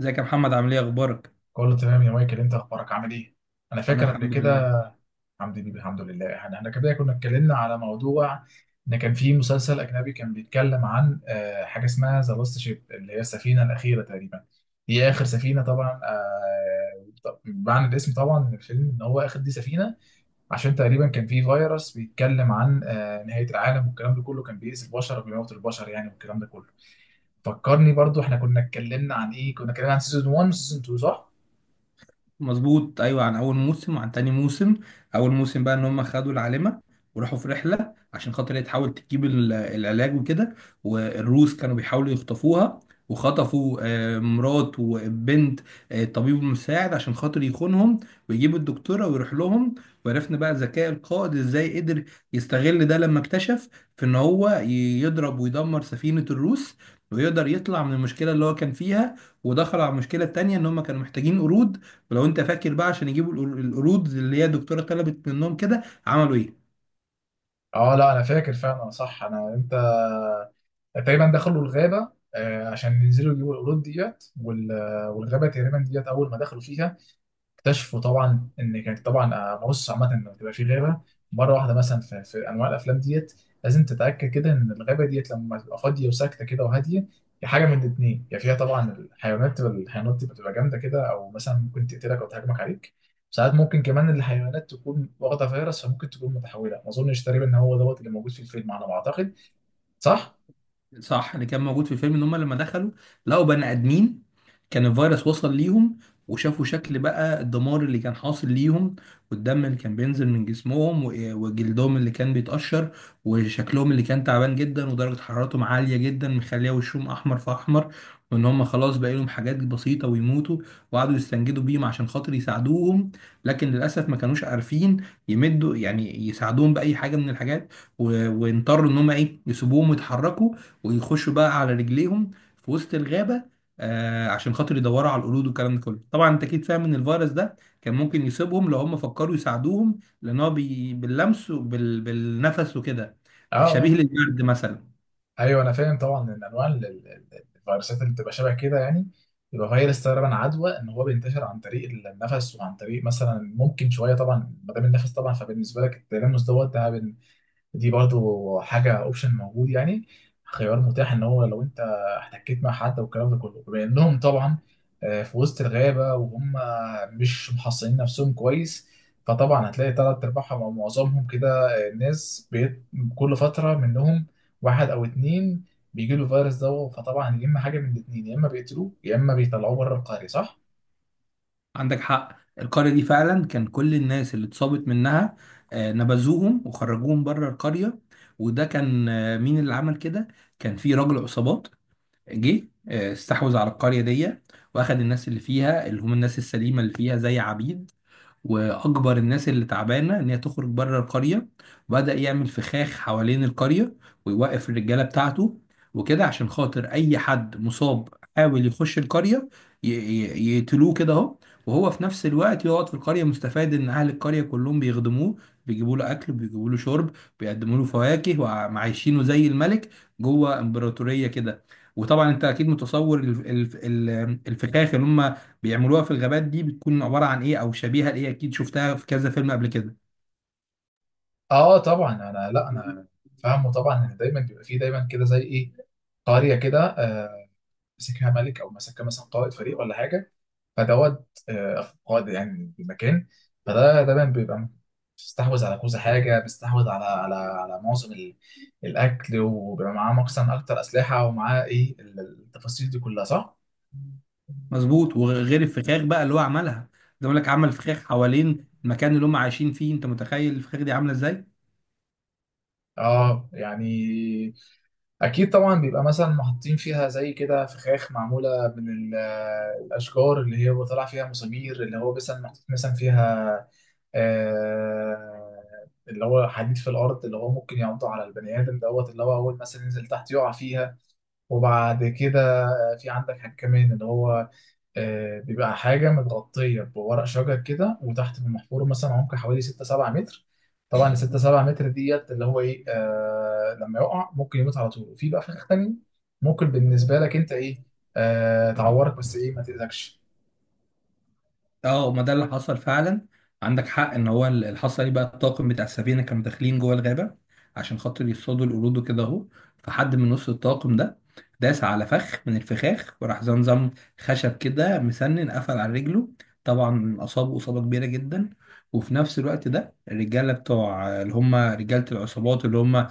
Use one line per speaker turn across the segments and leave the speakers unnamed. ازيك يا محمد، عامل ايه، اخبارك؟
كله تمام يا مايكل، انت اخبارك عامل ايه؟ انا
انا
فاكر قبل
الحمد لله.
كده. الحمد لله، الحمد لله. احنا كده كنا اتكلمنا على موضوع ان كان في مسلسل اجنبي كان بيتكلم عن حاجه اسمها ذا لاست شيب، اللي هي السفينه الاخيره تقريبا. هي اخر سفينه طبعا. معنى الاسم طبعا من الفيلم ان هو اخر دي سفينه، عشان تقريبا كان في فيروس بيتكلم عن نهايه العالم، والكلام ده كله كان بيأذي البشر وبيموت البشر يعني، والكلام ده كله. فكرني برضو، احنا كنا اتكلمنا عن ايه؟ كنا اتكلمنا عن سيزون 1 وسيزون 2 صح؟
مظبوط، ايوه، عن اول موسم وعن تاني موسم. اول موسم بقى ان هم خدوا العالمه وراحوا في رحله عشان خاطر هي تحاول تجيب العلاج وكده، والروس كانوا بيحاولوا يخطفوها، وخطفوا مرات وبنت الطبيب المساعد عشان خاطر يخونهم ويجيبوا الدكتوره ويروح لهم. وعرفنا بقى ذكاء القائد ازاي قدر يستغل ده لما اكتشف في ان هو يضرب ويدمر سفينه الروس، ويقدر يطلع من المشكله اللي هو كان فيها، ودخل على المشكله التانيه ان هم كانوا محتاجين قرود. ولو انت فاكر بقى، عشان يجيبوا القرود، اللي هي الدكتوره طلبت منهم، كده عملوا ايه؟
اه لا، انا فاكر فعلا صح. انا انت تقريبا دخلوا الغابه عشان ينزلوا يجيبوا القرود ديت والغابه تقريبا ديت اول ما دخلوا فيها اكتشفوا طبعا ان كانت طبعا، بص، عامه لما تبقى في غابه مره واحده مثلا، في انواع الافلام ديت لازم تتاكد كده ان الغابه ديت لما تبقى فاضيه وساكته كده وهاديه، يا حاجه من الاثنين: يا فيها طبعا الحيوانات، الحيوانات بتبقى جامده كده، او مثلا ممكن تقتلك او تهاجمك عليك. ساعات ممكن كمان الحيوانات تكون واخده فيروس، فممكن تكون متحوله. ما اظنش تقريبا ان هو دوت اللي موجود في الفيلم، على ما اعتقد، صح؟
صح، اللي كان موجود في الفيلم ان هم لما دخلوا لقوا بني ادمين كان الفيروس وصل ليهم، وشافوا شكل بقى الدمار اللي كان حاصل ليهم، والدم اللي كان بينزل من جسمهم و- إيه، وجلدهم اللي كان بيتقشر، وشكلهم اللي كان تعبان جدا ودرجة حرارتهم عالية جدا مخليه وشهم احمر في احمر، وان هم خلاص بقى لهم حاجات بسيطة ويموتوا. وقعدوا يستنجدوا بيهم عشان خاطر يساعدوهم، لكن للاسف ما كانوش عارفين يمدوا يعني يساعدوهم بأي حاجة من الحاجات، واضطروا ان هم ايه، يسيبوهم ويتحركوا ويخشوا بقى على رجليهم في وسط الغابة، آه، عشان خاطر يدوروا على القرود والكلام ده كله. طبعا انت اكيد فاهم ان الفيروس ده كان ممكن يصيبهم لو هم فكروا يساعدوهم، لان هو باللمس وبال... بالنفس وكده.
اه
شبيه
اه،
للبرد مثلا.
ايوه انا فاهم طبعا ان انواع الفيروسات اللي بتبقى شبه كده يعني، يبقى فيروس تقريبا عدوى، ان هو بينتشر عن طريق النفس، وعن طريق مثلا ممكن شويه طبعا ما دام النفس طبعا، فبالنسبه لك التلامس دوت ده، دي برضو حاجة اوبشن موجود يعني، خيار متاح، ان هو لو انت احتكيت مع حد والكلام ده كله. بما انهم طبعا في وسط الغابة، وهم مش محصنين نفسهم كويس، فطبعا هتلاقي تلات ارباعهم او معظمهم كده ناس بيت كل فترة منهم واحد او اتنين بيجي له الفيروس ده. فطبعا يا اما حاجة من الاتنين: يا اما بيقتلوه، يا اما بيطلعوه بره القرية، صح؟
عندك حق، القرية دي فعلا كان كل الناس اللي اتصابت منها، آه، نبذوهم وخرجوهم بره القرية. وده كان آه مين اللي عمل كده؟ كان في راجل عصابات جه استحوذ على القرية دي، واخد الناس اللي فيها اللي هم الناس السليمة اللي فيها زي عبيد، واجبر الناس اللي تعبانه ان هي تخرج بره القريه، وبدا يعمل فخاخ حوالين القريه، ويوقف الرجاله بتاعته وكده، عشان خاطر اي حد مصاب حاول يخش القريه يقتلوه كده اهو. وهو في نفس الوقت يقعد في القريه مستفاد ان اهل القريه كلهم بيخدموه، بيجيبوا له اكل، بيجيبوا له شرب، بيقدموا له فواكه، وعايشينه زي الملك جوه امبراطوريه كده. وطبعا انت اكيد متصور الفخاخ اللي هم بيعملوها في الغابات دي بتكون عباره عن ايه او شبيهه لايه، اكيد شفتها في كذا فيلم قبل كده.
اه طبعا انا، لا انا فاهمه طبعا ان دايما بيبقى فيه دايما كده زي ايه، قرية كده مسكها ملك، او مسكها مثلا قائد فريق ولا حاجه، فدوت قائد يعني المكان. فده طبعا بيبقى بيستحوذ على كذا حاجه، بيستحوذ على معظم الاكل، وبيبقى معاه مقصا اكتر اسلحه، ومعاه ايه التفاصيل دي كلها، صح؟
مظبوط، وغير الفخاخ بقى اللي هو عملها، زي ما بقول لك، عمل فخاخ حوالين المكان اللي هم عايشين فيه، انت متخيل الفخاخ دي عامله ازاي؟
اه يعني، اكيد طبعا بيبقى مثلا محطين فيها زي كده فخاخ معموله من الاشجار، اللي هي بيطلع فيها مسامير، اللي هو مثلا محطوط مثلا فيها آه، اللي هو حديد في الارض، اللي هو ممكن ينطح على البني ادم دوت، اللي هو اول مثلا ينزل تحت يقع فيها. وبعد كده في عندك حاجه كمان اللي هو بيبقى حاجه متغطيه بورق شجر كده، وتحت بمحفور مثلا عمق حوالي 6 7 متر. طبعا ال 6 7 متر ديت اللي هو ايه، آه، لما يقع ممكن يموت على طول. وفي بقى فخ تاني ممكن بالنسبه لك انت ايه، تعورك بس، ايه، ما تاذكش.
اه، ما ده اللي حصل فعلا. عندك حق، ان هو اللي حصل ايه بقى، الطاقم بتاع السفينه كانوا داخلين جوه الغابه عشان خاطر يصطادوا القرود وكده اهو. فحد من نص الطاقم ده داس على فخ من الفخاخ، وراح زمزم خشب كده مسنن قفل على رجله، طبعا اصابه اصابه كبيره جدا. وفي نفس الوقت ده الرجاله بتوع اللي هم رجاله العصابات اللي هم،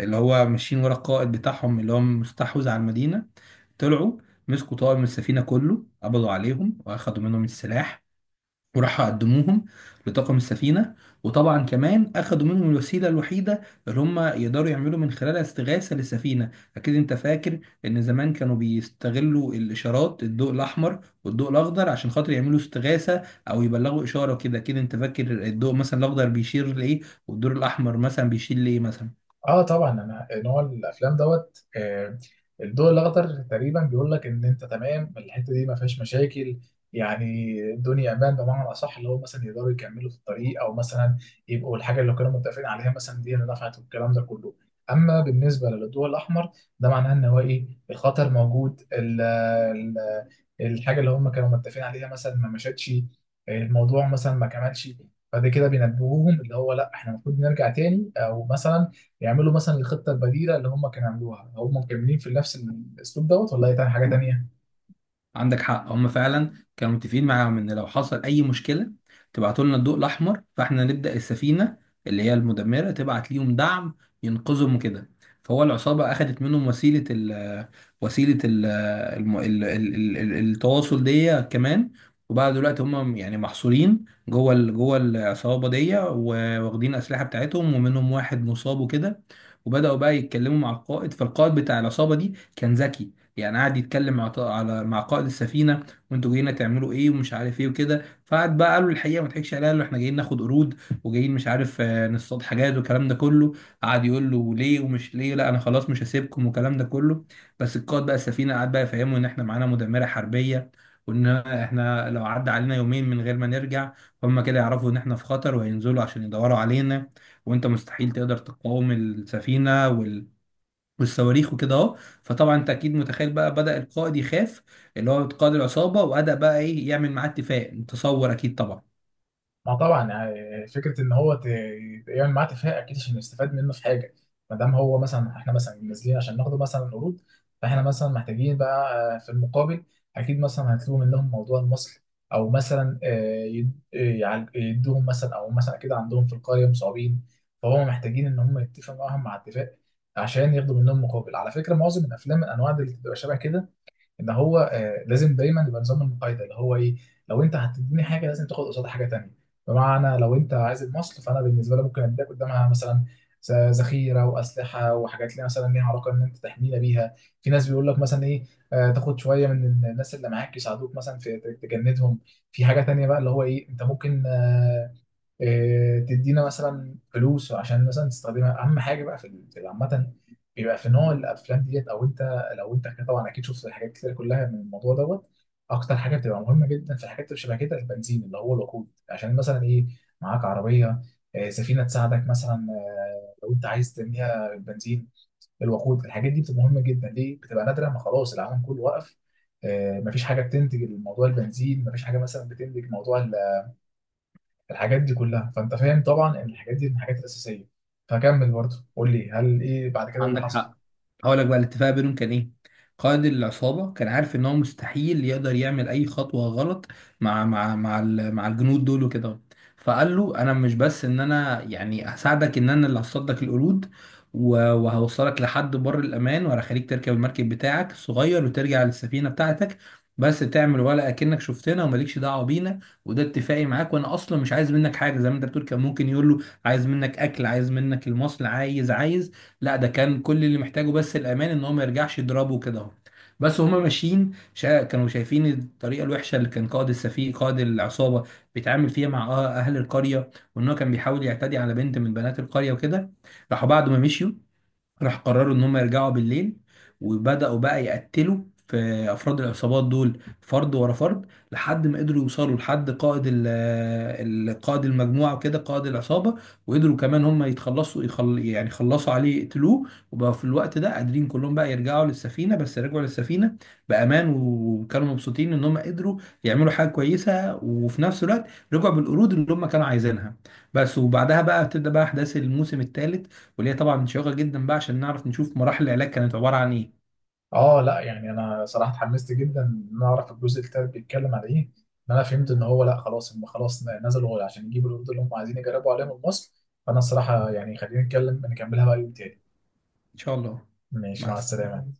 اللي هو ماشيين ورا القائد بتاعهم اللي هو مستحوذ على المدينه، طلعوا مسكوا طاقم السفينة كله، قبضوا عليهم وأخدوا منهم السلاح، وراحوا قدموهم لطاقم السفينة. وطبعا كمان أخدوا منهم الوسيلة الوحيدة اللي هم يقدروا يعملوا من خلالها استغاثة للسفينة. أكيد أنت فاكر إن زمان كانوا بيستغلوا الإشارات، الضوء الأحمر والضوء الأخضر، عشان خاطر يعملوا استغاثة أو يبلغوا إشارة كده. أكيد أنت فاكر الضوء مثلا الأخضر بيشير لإيه، والضوء الأحمر مثلا بيشير لإيه مثلا؟
اه طبعا انا نوع الافلام دوت الضوء الاخضر تقريبا بيقول لك ان انت تمام، الحته دي ما فيهاش مشاكل، يعني الدنيا امان، بمعنى الاصح اللي هو مثلا يقدروا يكملوا في الطريق، او مثلا يبقوا الحاجه اللي كانوا متفقين عليها مثلا دي اللي نفعت، والكلام ده كله. اما بالنسبه للضوء الاحمر، ده معناه ان هو ايه، الخطر موجود، ال ال الحاجه اللي هم كانوا متفقين عليها مثلا ما مشتش، الموضوع مثلا ما كملش، فده كده بينبهوهم اللي هو، لا احنا المفروض نرجع تاني، او مثلا يعملوا مثلا الخطه البديله اللي هم كانوا عملوها، هم مكملين في نفس الاسلوب دوت ولا هي تاني حاجه تانيه.
عندك حق، هم فعلا كانوا متفقين معاهم ان لو حصل اي مشكله تبعتوا لنا الضوء الاحمر، فاحنا نبدا السفينه اللي هي المدمره تبعت ليهم دعم ينقذهم وكده. فهو العصابه اخذت منهم وسيله ال وسيله ال الم- ال- ال- ال- ال- التواصل دي كمان. وبقى دلوقتي هم يعني محصورين جوه جوه العصابه دي، واخدين اسلحه بتاعتهم، ومنهم واحد مصاب وكده. وبداوا بقى يتكلموا مع القائد، فالقائد بتاع العصابه دي كان ذكي، يعني قعد يتكلم مع قائد السفينه، وانتوا جايين تعملوا ايه ومش عارف ايه وكده. فقعد بقى، قالوا الحقيقه ما تضحكش عليها، قال له احنا جايين ناخد قروض، وجايين مش عارف، نصطاد حاجات والكلام ده كله. قعد يقول له ليه ومش ليه، لا انا خلاص مش هسيبكم والكلام ده كله. بس القائد بقى السفينه قعد بقى يفهمه ان احنا معانا مدمره حربيه، وان احنا لو عدى علينا يومين من غير ما نرجع هم كده يعرفوا ان احنا في خطر، وهينزلوا عشان يدوروا علينا، وانت مستحيل تقدر تقاوم السفينه وال... والصواريخ وكده اهو. فطبعا انت اكيد متخيل بقى بدأ القائد يخاف، اللي هو قائد العصابة، وبدأ بقى ايه، يعمل معاه اتفاق، تصور اكيد طبعا.
ما طبعا يعني فكره ان هو يعمل معاه اتفاق، اكيد عشان يستفاد منه في حاجه. ما دام هو مثلا، احنا مثلا نازلين عشان ناخده مثلا قروض، فاحنا مثلا محتاجين بقى في المقابل اكيد مثلا هيطلبوا منهم موضوع المصل، او مثلا يدوهم مثلا، او مثلا كده عندهم في القريه مصابين، فهم محتاجين ان هم يتفقوا معاهم مع اتفاق، عشان ياخدوا منهم مقابل. على فكره، معظم الافلام من انواع اللي بتبقى شبه كده، ان هو لازم دايما يبقى نظام المقايضه، اللي هو ايه، لو انت هتديني حاجه لازم تاخد قصادها حاجه تانيه. بمعنى لو انت عايز المصل، فانا بالنسبه لي ممكن اديك قدامها مثلا ذخيره واسلحه، وحاجات ليها مثلا ليها علاقه ان انت تحمينا بيها. في ناس بيقول لك مثلا ايه، تاخد شويه من الناس اللي معاك يساعدوك مثلا في تجندهم. في حاجه تانيه بقى اللي هو ايه، انت ممكن آه، إيه، تدينا مثلا فلوس عشان مثلا تستخدمها. اهم حاجه بقى في عامه بيبقى في نوع الافلام ديت، او انت لو انت كده طبعا اكيد شفت الحاجات كتير كلها من الموضوع دوت، اكتر حاجه بتبقى مهمه جدا في الحاجات اللي شبه كده البنزين، اللي هو الوقود، عشان مثلا ايه، معاك عربيه، سفينه تساعدك مثلا لو انت عايز ترميها بنزين. الوقود الحاجات دي بتبقى مهمه جدا، ليه بتبقى نادره، ما خلاص العالم كله وقف، مفيش حاجه بتنتج الموضوع البنزين، مفيش حاجه مثلا بتنتج موضوع الحاجات دي كلها، فانت فاهم طبعا ان الحاجات دي من الحاجات الاساسيه. فكمل برضه قول لي، هل ايه بعد كده، إيه اللي
عندك
حصل؟
حق، هقول لك بقى الاتفاق بينهم كان ايه. قائد العصابه كان عارف ان هو مستحيل يقدر يعمل اي خطوه غلط مع الجنود دول وكده. فقال له انا مش بس ان انا يعني هساعدك، ان انا اللي هصطاد لك القرود وهوصلك لحد بر الامان وهخليك تركب المركب بتاعك الصغير وترجع للسفينه بتاعتك، بس تعمل ولا اكنك شفتنا ومالكش دعوه بينا، وده اتفاقي معاك. وانا اصلا مش عايز منك حاجه، زي ما انت بتقول كان ممكن يقول له عايز منك اكل، عايز منك المصل، عايز عايز، لا ده كان كل اللي محتاجه بس الامان ان هو ما يرجعش يضربه كده اهو. بس هما ماشيين كانوا شايفين الطريقه الوحشه اللي كان قائد السفيه قائد العصابه بيتعامل فيها مع اهل القريه، وان هو كان بيحاول يعتدي على بنت من بنات القريه وكده. راحوا بعد ما مشيوا، راح قرروا ان هم يرجعوا بالليل، وبداوا بقى يقتلوا في افراد العصابات دول فرد ورا فرد، لحد ما قدروا يوصلوا لحد قائد المجموعه وكده قائد العصابه، وقدروا كمان هم يتخلصوا يعني خلصوا عليه يقتلوه. وبقى في الوقت ده قادرين كلهم بقى يرجعوا للسفينه، بس رجعوا للسفينه بامان، وكانوا مبسوطين ان هم قدروا يعملوا حاجه كويسه، وفي نفس الوقت رجعوا بالقرود اللي هم كانوا عايزينها بس. وبعدها بقى بتبدا بقى احداث الموسم الثالث، وليا طبعا شيقة جدا بقى عشان نعرف نشوف مراحل العلاج كانت عبارة عن ايه.
اه لا يعني انا صراحه اتحمست جدا ان انا اعرف الجزء التالت بيتكلم على ايه. ان انا فهمت ان هو لا خلاص، هم خلاص نزلوا عشان يجيبوا الوردة اللي هم عايزين يجربوا عليهم المصل. فانا الصراحه يعني خلينا نتكلم نكملها بقى يوم تاني.
ان شاء الله.
ماشي،
مع
مع
السلامة.
السلامه.